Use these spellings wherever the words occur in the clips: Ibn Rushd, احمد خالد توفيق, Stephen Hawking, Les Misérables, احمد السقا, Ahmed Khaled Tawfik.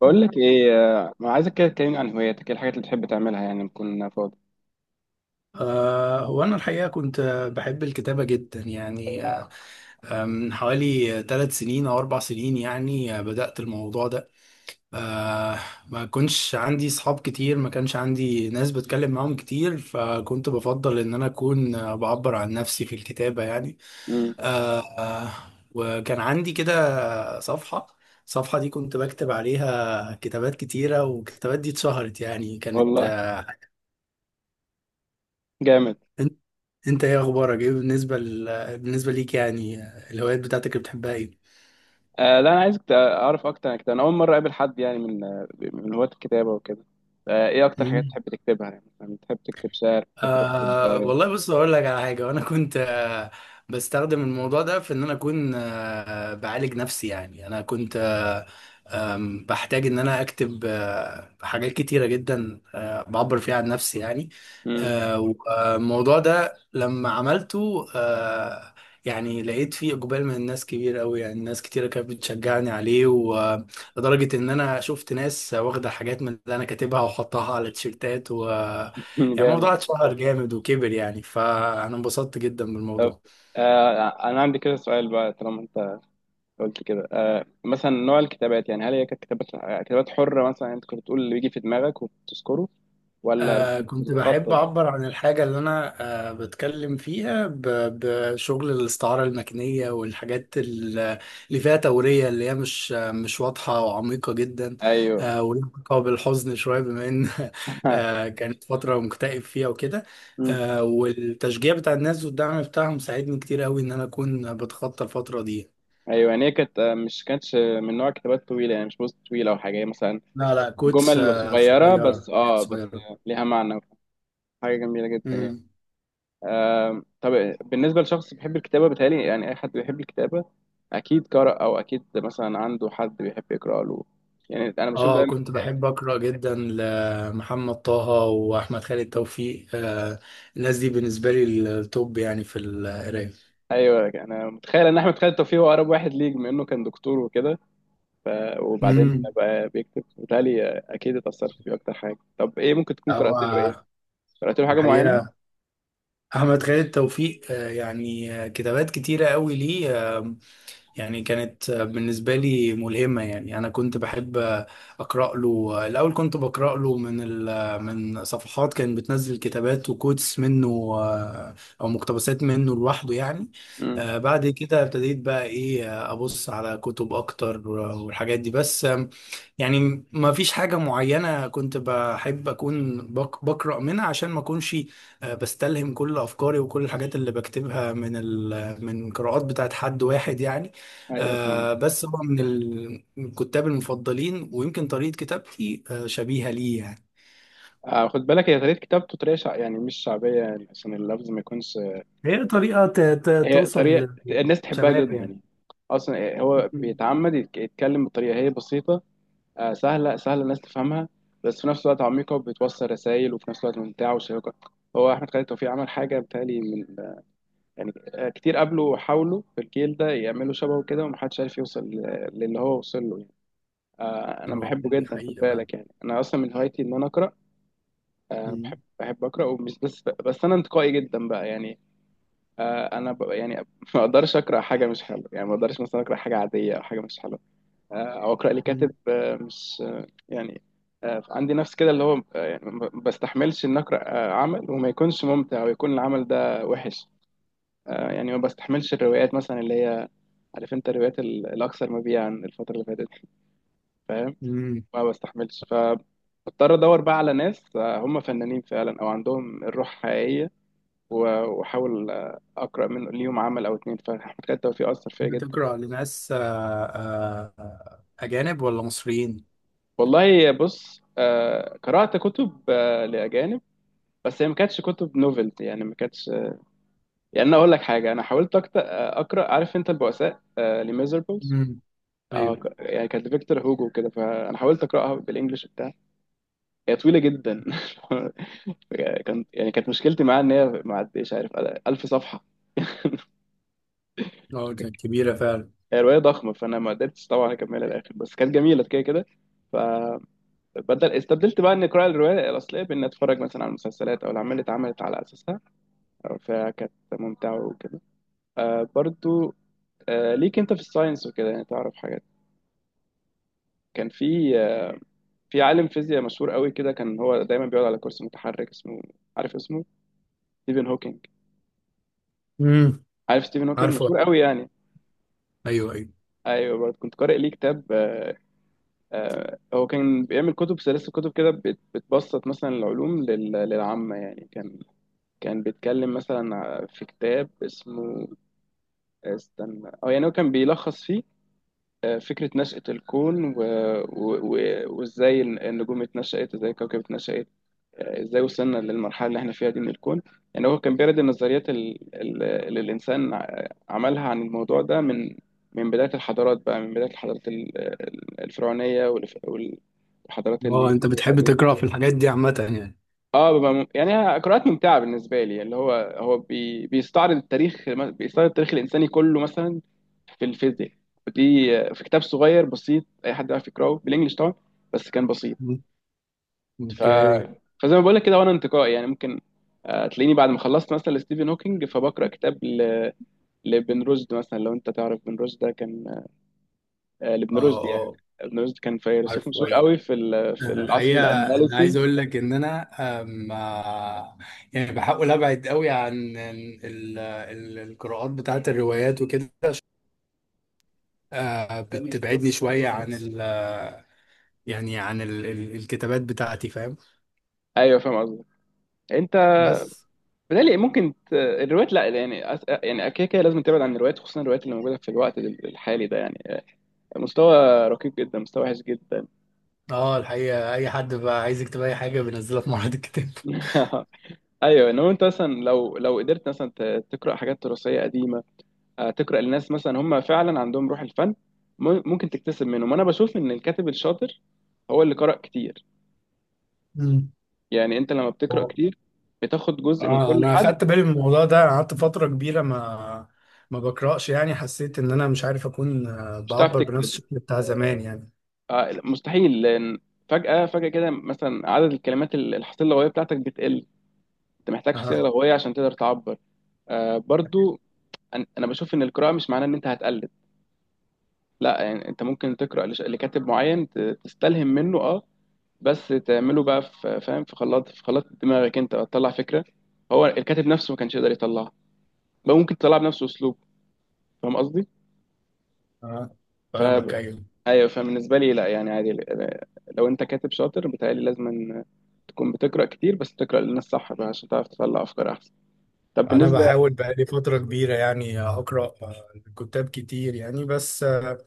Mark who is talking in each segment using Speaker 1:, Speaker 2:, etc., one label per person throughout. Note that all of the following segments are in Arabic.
Speaker 1: بقول لك ايه. ما عايزك كده تكلمني عن هواياتك، ايه الحاجات اللي بتحب تعملها يعني لما تكون فاضي؟
Speaker 2: هو أنا الحقيقة كنت بحب الكتابة جدا يعني من حوالي 3 سنين أو 4 سنين يعني بدأت الموضوع ده. آه، ما كنتش عندي صحاب كتير، ما كانش عندي ناس بتكلم معاهم كتير، فكنت بفضل إن أنا أكون بعبر عن نفسي في الكتابة يعني.
Speaker 1: امم.
Speaker 2: آه، آه، وكان عندي كده صفحة. الصفحة دي كنت بكتب عليها كتابات كتيرة، والكتابات دي اتشهرت، يعني كانت
Speaker 1: والله، جامد.
Speaker 2: آه، انت ايه اخبارك؟ ايه بالنسبه ليك يعني؟ الهوايات بتاعتك اللي بتحبها ايه؟
Speaker 1: آه لا، انا عايزك اعرف اكتر عن كده. انا اول مره اقابل حد يعني من من هواة الكتابه وكده. آه، ايه اكتر حاجات
Speaker 2: مم.
Speaker 1: بتحب تكتبها؟ يعني مثلا بتحب تكتب شعر، بتحب تكتب؟
Speaker 2: والله بص، اقول لك على حاجه. وانا كنت بستخدم الموضوع ده في ان انا اكون بعالج نفسي يعني. انا كنت أه آم، بحتاج ان انا اكتب حاجات كتيره جدا، بعبر فيها عن نفسي يعني.
Speaker 1: امم.
Speaker 2: والموضوع ده لما عملته يعني لقيت فيه اقبال من الناس كبير قوي، يعني ناس كتيره كانت بتشجعني عليه، ولدرجه ان انا شفت ناس واخده حاجات من اللي انا كاتبها وحطها على تيشيرتات و... يعني الموضوع
Speaker 1: جامد.
Speaker 2: اتشهر جامد وكبر يعني، فأنا انبسطت جدا
Speaker 1: طب
Speaker 2: بالموضوع.
Speaker 1: آه، انا عندي كده سؤال بقى. طالما انت قلت كده، آه مثلا نوع الكتابات يعني هل هي كانت كتابات كتابات حره، مثلا انت كنت بتقول اللي بيجي في دماغك وبتذكره ولا
Speaker 2: كنت بحب
Speaker 1: بتتخطط؟
Speaker 2: أعبر عن الحاجة اللي أنا بتكلم فيها، بشغل الاستعارة المكنية، والحاجات اللي فيها تورية، اللي هي مش واضحة وعميقة جدا.
Speaker 1: ايوه.
Speaker 2: ولها علاقة بالحزن شوية، بما إن كانت فترة مكتئب فيها وكده.
Speaker 1: مم.
Speaker 2: والتشجيع بتاع الناس والدعم بتاعهم ساعدني كتير قوي إن أنا أكون بتخطى الفترة دي.
Speaker 1: ايوه يعني هي كانت آه، مش كانتش من نوع كتابات طويله، يعني مش بوست طويل او حاجه، هي مثلا
Speaker 2: لا، لا، كوتس،
Speaker 1: جمل صغيره بس،
Speaker 2: صغيرة، حاجات
Speaker 1: اه بس
Speaker 2: صغيرة.
Speaker 1: ليها معنى. حاجه جميله جدا يعني.
Speaker 2: امم.
Speaker 1: آم، طب بالنسبه لشخص بيحب الكتابه، بيتهيألي يعني اي حد بيحب الكتابه اكيد قرأ، او اكيد مثلا عنده حد بيحب يقرأ له. يعني انا بشوف
Speaker 2: اه،
Speaker 1: دايما.
Speaker 2: كنت بحب اقرا جدا لمحمد طه واحمد خالد توفيق. الناس دي بالنسبه لي التوب يعني في القرايه.
Speaker 1: ايوه، انا متخيل ان احمد خالد توفيق هو اقرب واحد ليك، بما انه كان دكتور وكده، ف... وبعدين
Speaker 2: امم.
Speaker 1: بقى بيكتب، بالتالي اكيد اتأثرت بيه اكتر حاجه. طب ايه ممكن تكون
Speaker 2: هو
Speaker 1: قرأت له ايه؟ قرأت له حاجه معينه؟
Speaker 2: الحقيقه، احمد خالد توفيق كتابات كتيره قوي ليه. آه، يعني كانت بالنسبة لي ملهمة. يعني أنا كنت بحب أقرأ له. الأول كنت بقرأ له من صفحات كانت بتنزل كتابات وكوتس منه، آه، أو مقتبسات منه لوحده يعني. بعد كده ابتديت بقى إيه، أبص على كتب أكتر والحاجات دي. بس يعني ما فيش حاجة معينة كنت بحب أكون بقرأ منها، عشان ما أكونش بستلهم كل أفكاري وكل الحاجات اللي بكتبها من قراءات بتاعت حد واحد يعني.
Speaker 1: ايوه فاهم.
Speaker 2: بس هو من من الكتاب المفضلين، ويمكن طريقة كتابتي شبيهة ليه يعني.
Speaker 1: آه خد بالك، هي طريقه كتابته طريقه يعني مش شعبيه، يعني عشان اللفظ ما يكونش.
Speaker 2: هي طريقة
Speaker 1: هي طريقه
Speaker 2: توصل
Speaker 1: الناس تحبها
Speaker 2: للشباب
Speaker 1: جدا
Speaker 2: يعني.
Speaker 1: يعني. اصلا هو
Speaker 2: مم.
Speaker 1: بيتعمد يتكلم بطريقه هي بسيطه، آه سهله، سهله الناس تفهمها، بس في نفس الوقت عميقه وبتوصل رسائل، وفي نفس الوقت ممتعه وشيقه. هو احمد خالد توفيق عمل حاجه بتالي من، يعني آه، كتير قبله حاولوا في الجيل ده يعملوا شبهه كده، ومحدش عارف يوصل للي هو وصل له يعني. آه انا بحبه
Speaker 2: دي
Speaker 1: جدا، خد
Speaker 2: حقيقة بقى.
Speaker 1: بالك يعني انا اصلا من هوايتي ان انا اقرا. آه، بحب
Speaker 2: مم.
Speaker 1: اقرا، ومش بس بس انا انتقائي جدا بقى يعني. آه، يعني ما اقدرش اقرا حاجه مش حلوه، يعني ما اقدرش مثلا اقرا حاجه عاديه او حاجه مش حلوه، آه، او اقرا لكاتب
Speaker 2: مم.
Speaker 1: آه، مش آه، يعني آه، عندي نفس كده اللي هو آه، يعني ما بستحملش ان اقرا آه، عمل وما يكونش ممتع ويكون العمل ده وحش. آه، يعني ما بستحملش الروايات مثلا اللي هي، عارف انت الروايات الاكثر مبيعا الفتره اللي فاتت دي، فاهم؟
Speaker 2: مم.
Speaker 1: ما بستحملش. بضطر ادور بقى على ناس آه، هم فنانين فعلا او عندهم الروح حقيقيه، واحاول اقرا منه ليهم عمل او اتنين. فاحمد خالد توفيق اثر فيا جدا.
Speaker 2: بتقرأ لناس أجانب ولا مصريين؟
Speaker 1: والله بص، آه، قرات كتب آه، لاجانب، بس هي ما كانتش كتب نوفلز يعني ما كانتش. يعني انا اقول لك حاجه، انا حاولت اقرا، عارف انت البؤساء، آه، لميزربلز. اه
Speaker 2: ايوه.
Speaker 1: يعني كانت لفيكتور هوجو كده، فانا حاولت اقراها بالانجلش بتاع. هي طويله جدا كان يعني كانت مشكلتي معاها ان هي ما عدتش، عارف، 1000 صفحه.
Speaker 2: اه، كانت كبيرة فعلا.
Speaker 1: هي روايه ضخمه فانا ما قدرتش طبعا اكملها للاخر، بس كانت جميله كده كده. ف استبدلت بقى اني اقرا الروايه الاصليه باني اتفرج مثلا على المسلسلات او الاعمال اللي اتعملت على اساسها، فكانت ممتعه وكده. آه برضو، آه ليك انت في الساينس وكده يعني تعرف حاجات. كان في في عالم فيزياء مشهور قوي كده، كان هو دايما بيقعد على كرسي متحرك، اسمه، عارف اسمه، ستيفن هوكينج.
Speaker 2: امم.
Speaker 1: عارف ستيفن هوكينج
Speaker 2: عارفه،
Speaker 1: مشهور قوي يعني.
Speaker 2: ايوه، ايوه.
Speaker 1: ايوه برضه كنت قارئ ليه كتاب آه. آه هو كان بيعمل كتب، سلاسل كتب كده، بتبسط مثلا العلوم للعامه يعني. كان كان بيتكلم مثلا في كتاب اسمه، استنى، او يعني هو كان بيلخص فيه آه، فكرة نشأة الكون و... و... وازاي النجوم اتنشأت، ازاي الكوكب اتنشأت، آه، ازاي وصلنا للمرحلة اللي احنا فيها دي من الكون. يعني هو كان بيرد النظريات اللي الإنسان عملها عن الموضوع ده، من من بداية الحضارات بقى، من بداية الحضارات الفرعونية، والحضارات
Speaker 2: اه،
Speaker 1: اليونانية
Speaker 2: انت بتحب
Speaker 1: القديمة.
Speaker 2: تقرا في الحاجات دي عامة يعني.
Speaker 1: اه ببقى يعني قراءات ممتعه بالنسبه لي، اللي هو هو بيستعرض التاريخ، بيستعرض التاريخ الانساني كله مثلا في الفيزياء. ودي في كتاب صغير بسيط اي حد يعرف يقراه بالانجلش طبعا، بس كان بسيط.
Speaker 2: مم.
Speaker 1: ف
Speaker 2: اوكي.
Speaker 1: فزي ما بقول لك كده، وانا انتقائي يعني ممكن آه، تلاقيني بعد ما خلصت مثلا لستيفن هوكينج، فبقرا كتاب لابن رشد مثلا. لو انت تعرف ابن رشد، ده كان آه،
Speaker 2: اه،
Speaker 1: لابن رشد يعني.
Speaker 2: اه،
Speaker 1: ابن رشد كان فيلسوف
Speaker 2: عارفه،
Speaker 1: مشهور
Speaker 2: ايوه.
Speaker 1: قوي في في العصر
Speaker 2: الحقيقة، انا عايز
Speaker 1: الاندلسي.
Speaker 2: اقول لك ان انا أم، آه، يعني بحاول ابعد قوي عن القراءات بتاعت الروايات وكده. بتبعدني شوية عن يعني عن ال ال الكتابات بتاعتي، فاهم؟
Speaker 1: ايوه فاهم قصدك. انت
Speaker 2: بس،
Speaker 1: بالتالي ممكن الروايات، لا يعني يعني كده كده لازم تبعد عن الروايات، خصوصا الروايات اللي موجوده في الوقت الحالي ده يعني، مستوى ركيك جدا، مستوى وحش جدا.
Speaker 2: اه، الحقيقة أي حد بقى عايز يكتب أي حاجة بينزلها في معرض الكتاب.
Speaker 1: ايوه، انما انت مثلا لو قدرت مثلا تقرا حاجات تراثيه قديمه، آه، تقرا لناس مثلا هم فعلا عندهم روح الفن، ممكن تكتسب منهم. انا بشوف ان الكاتب الشاطر هو اللي قرأ كتير. يعني انت لما بتقرأ
Speaker 2: اه،
Speaker 1: كتير بتاخد جزء من كل
Speaker 2: انا
Speaker 1: حد.
Speaker 2: اخدت بالي من الموضوع ده. قعدت فتره كبيره ما بقراش يعني، حسيت ان انا مش عارف اكون
Speaker 1: مش هتعرف
Speaker 2: بعبر بنفس
Speaker 1: تكتب،
Speaker 2: الشكل بتاع زمان يعني.
Speaker 1: آه، مستحيل، لان فجأة كده مثلا عدد الكلمات، الحصيلة اللغوية بتاعتك بتقل. انت محتاج
Speaker 2: اه.
Speaker 1: حصيلة لغوية عشان تقدر تعبر. آه، برضو انا بشوف ان القراءة مش معناه ان انت هتقلد، لا، يعني انت ممكن تقرأ لكاتب معين تستلهم منه، اه، بس تعمله بقى في، فاهم، في خلاط، في خلاط دماغك انت، تطلع فكرة هو الكاتب نفسه ما كانش يقدر يطلعها، بقى ممكن تطلع بنفس اسلوبه. فاهم قصدي؟
Speaker 2: اه،
Speaker 1: ف-
Speaker 2: فاهمك، ايوه.
Speaker 1: ايوه، فبالنسبه لي لا يعني عادي. لو انت كاتب شاطر بتهيألي لازم أن تكون بتقرا كتير، بس تقرا للناس صح بقى عشان تعرف تطلع افكار احسن. طب
Speaker 2: انا
Speaker 1: بالنسبه.
Speaker 2: بحاول بقالي فتره كبيره يعني اقرا كتاب كتير يعني، بس آه،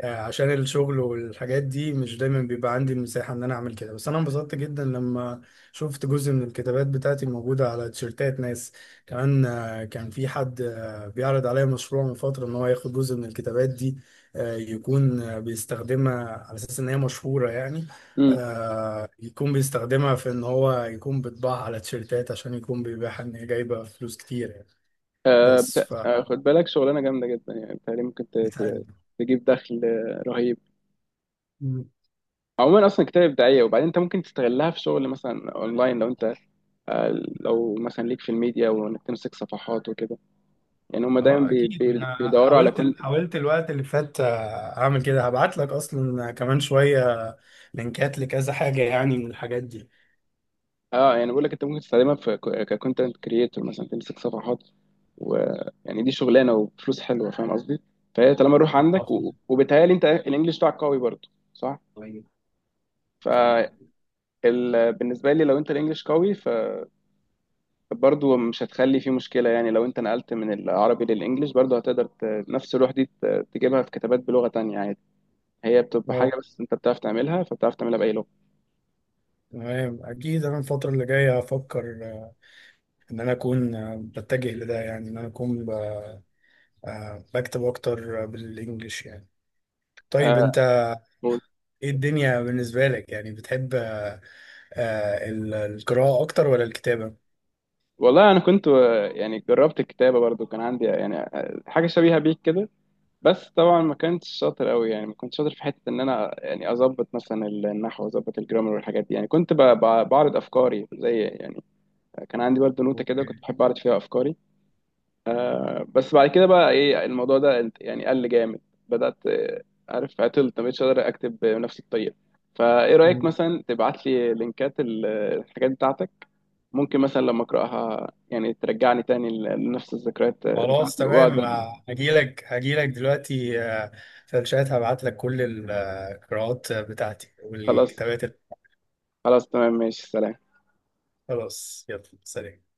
Speaker 2: آه، عشان الشغل والحاجات دي مش دايما بيبقى عندي المساحه ان انا اعمل كده. بس انا انبسطت جدا لما شفت جزء من الكتابات بتاعتي موجوده على تيشيرتات ناس. كمان كان في حد بيعرض عليا مشروع من فتره، ان هو ياخد جزء من الكتابات دي، يكون بيستخدمها على اساس ان هي مشهوره يعني.
Speaker 1: امم.
Speaker 2: يكون بيستخدمها في ان هو يكون بيطبعها على تيشيرتات، عشان يكون بيبيعها ان هي جايبه فلوس كتير يعني.
Speaker 1: آه
Speaker 2: بس
Speaker 1: آه، خد بالك، شغلانه جامده جدا يعني، بتهيألي ممكن
Speaker 2: بتهيألي.
Speaker 1: تجيب دخل آه، رهيب.
Speaker 2: مم.
Speaker 1: عموما اصلا كتاب ابداعيه، وبعدين انت ممكن تستغلها في شغل مثلا اونلاين، لو انت آه، لو مثلا ليك في الميديا وانك تمسك صفحات وكده. يعني هم دايما
Speaker 2: اه، اكيد انا
Speaker 1: بيدوروا على،
Speaker 2: حاولت حاولت الوقت اللي فات اعمل كده. هبعت لك اصلا كمان شويه لينكات لكذا حاجه، يعني من الحاجات دي.
Speaker 1: اه. يعني بقول لك انت ممكن تستخدمها في، ككونتنت كريتور مثلا، تمسك صفحات، ويعني دي شغلانه وفلوس حلوه، فاهم قصدي. فهي طالما الروح عندك وبيتهيألي انت الانجليش بتاعك قوي برضه صح. فبالنسبه لي لو انت الانجليش قوي، فبرضه مش هتخلي فيه مشكله، يعني لو انت نقلت من العربي للانجليش برضه هتقدر نفس الروح دي تجيبها في كتابات بلغه تانية عادي. هي بتبقى حاجه
Speaker 2: اه،
Speaker 1: بس انت بتعرف تعملها، فبتعرف تعملها باي لغه.
Speaker 2: تمام. اكيد انا الفتره اللي جايه هفكر ان انا اكون بتجه لده، يعني ان انا اكون بكتب اكتر بالانجلش يعني. طيب
Speaker 1: آه
Speaker 2: انت، ايه الدنيا بالنسبة لك؟ يعني بتحب القراءة اكتر ولا الكتابة؟
Speaker 1: والله انا كنت آه، يعني جربت الكتابه برضو، كان عندي يعني آه، حاجه شبيهه بيك كده. بس طبعا ما كنتش شاطر قوي، يعني ما كنتش شاطر في حته ان انا يعني اظبط مثلا النحو واظبط الجرامر والحاجات دي، يعني كنت بعرض افكاري زي يعني، كان عندي برضو نوتة كده
Speaker 2: اوكي.
Speaker 1: كنت بحب اعرض فيها افكاري. بس بعد كده بقى ايه الموضوع ده يعني قل جامد. بدأت آه، عارف، عطلت، ما بقتش قادر اكتب بنفس الطريقة. فايه رأيك
Speaker 2: مم.
Speaker 1: مثلا تبعت لي لينكات الحاجات بتاعتك، ممكن مثلا لما اقراها يعني ترجعني تاني لنفس الذكريات
Speaker 2: خلاص،
Speaker 1: بتاعتي
Speaker 2: تمام.
Speaker 1: واقدر.
Speaker 2: هجيلك هجيلك دلوقتي في الشات. هبعت لك كل القراءات بتاعتي
Speaker 1: خلاص،
Speaker 2: والكتابات
Speaker 1: خلاص تمام، ماشي، سلام.
Speaker 2: خلاص، يلا، سلام.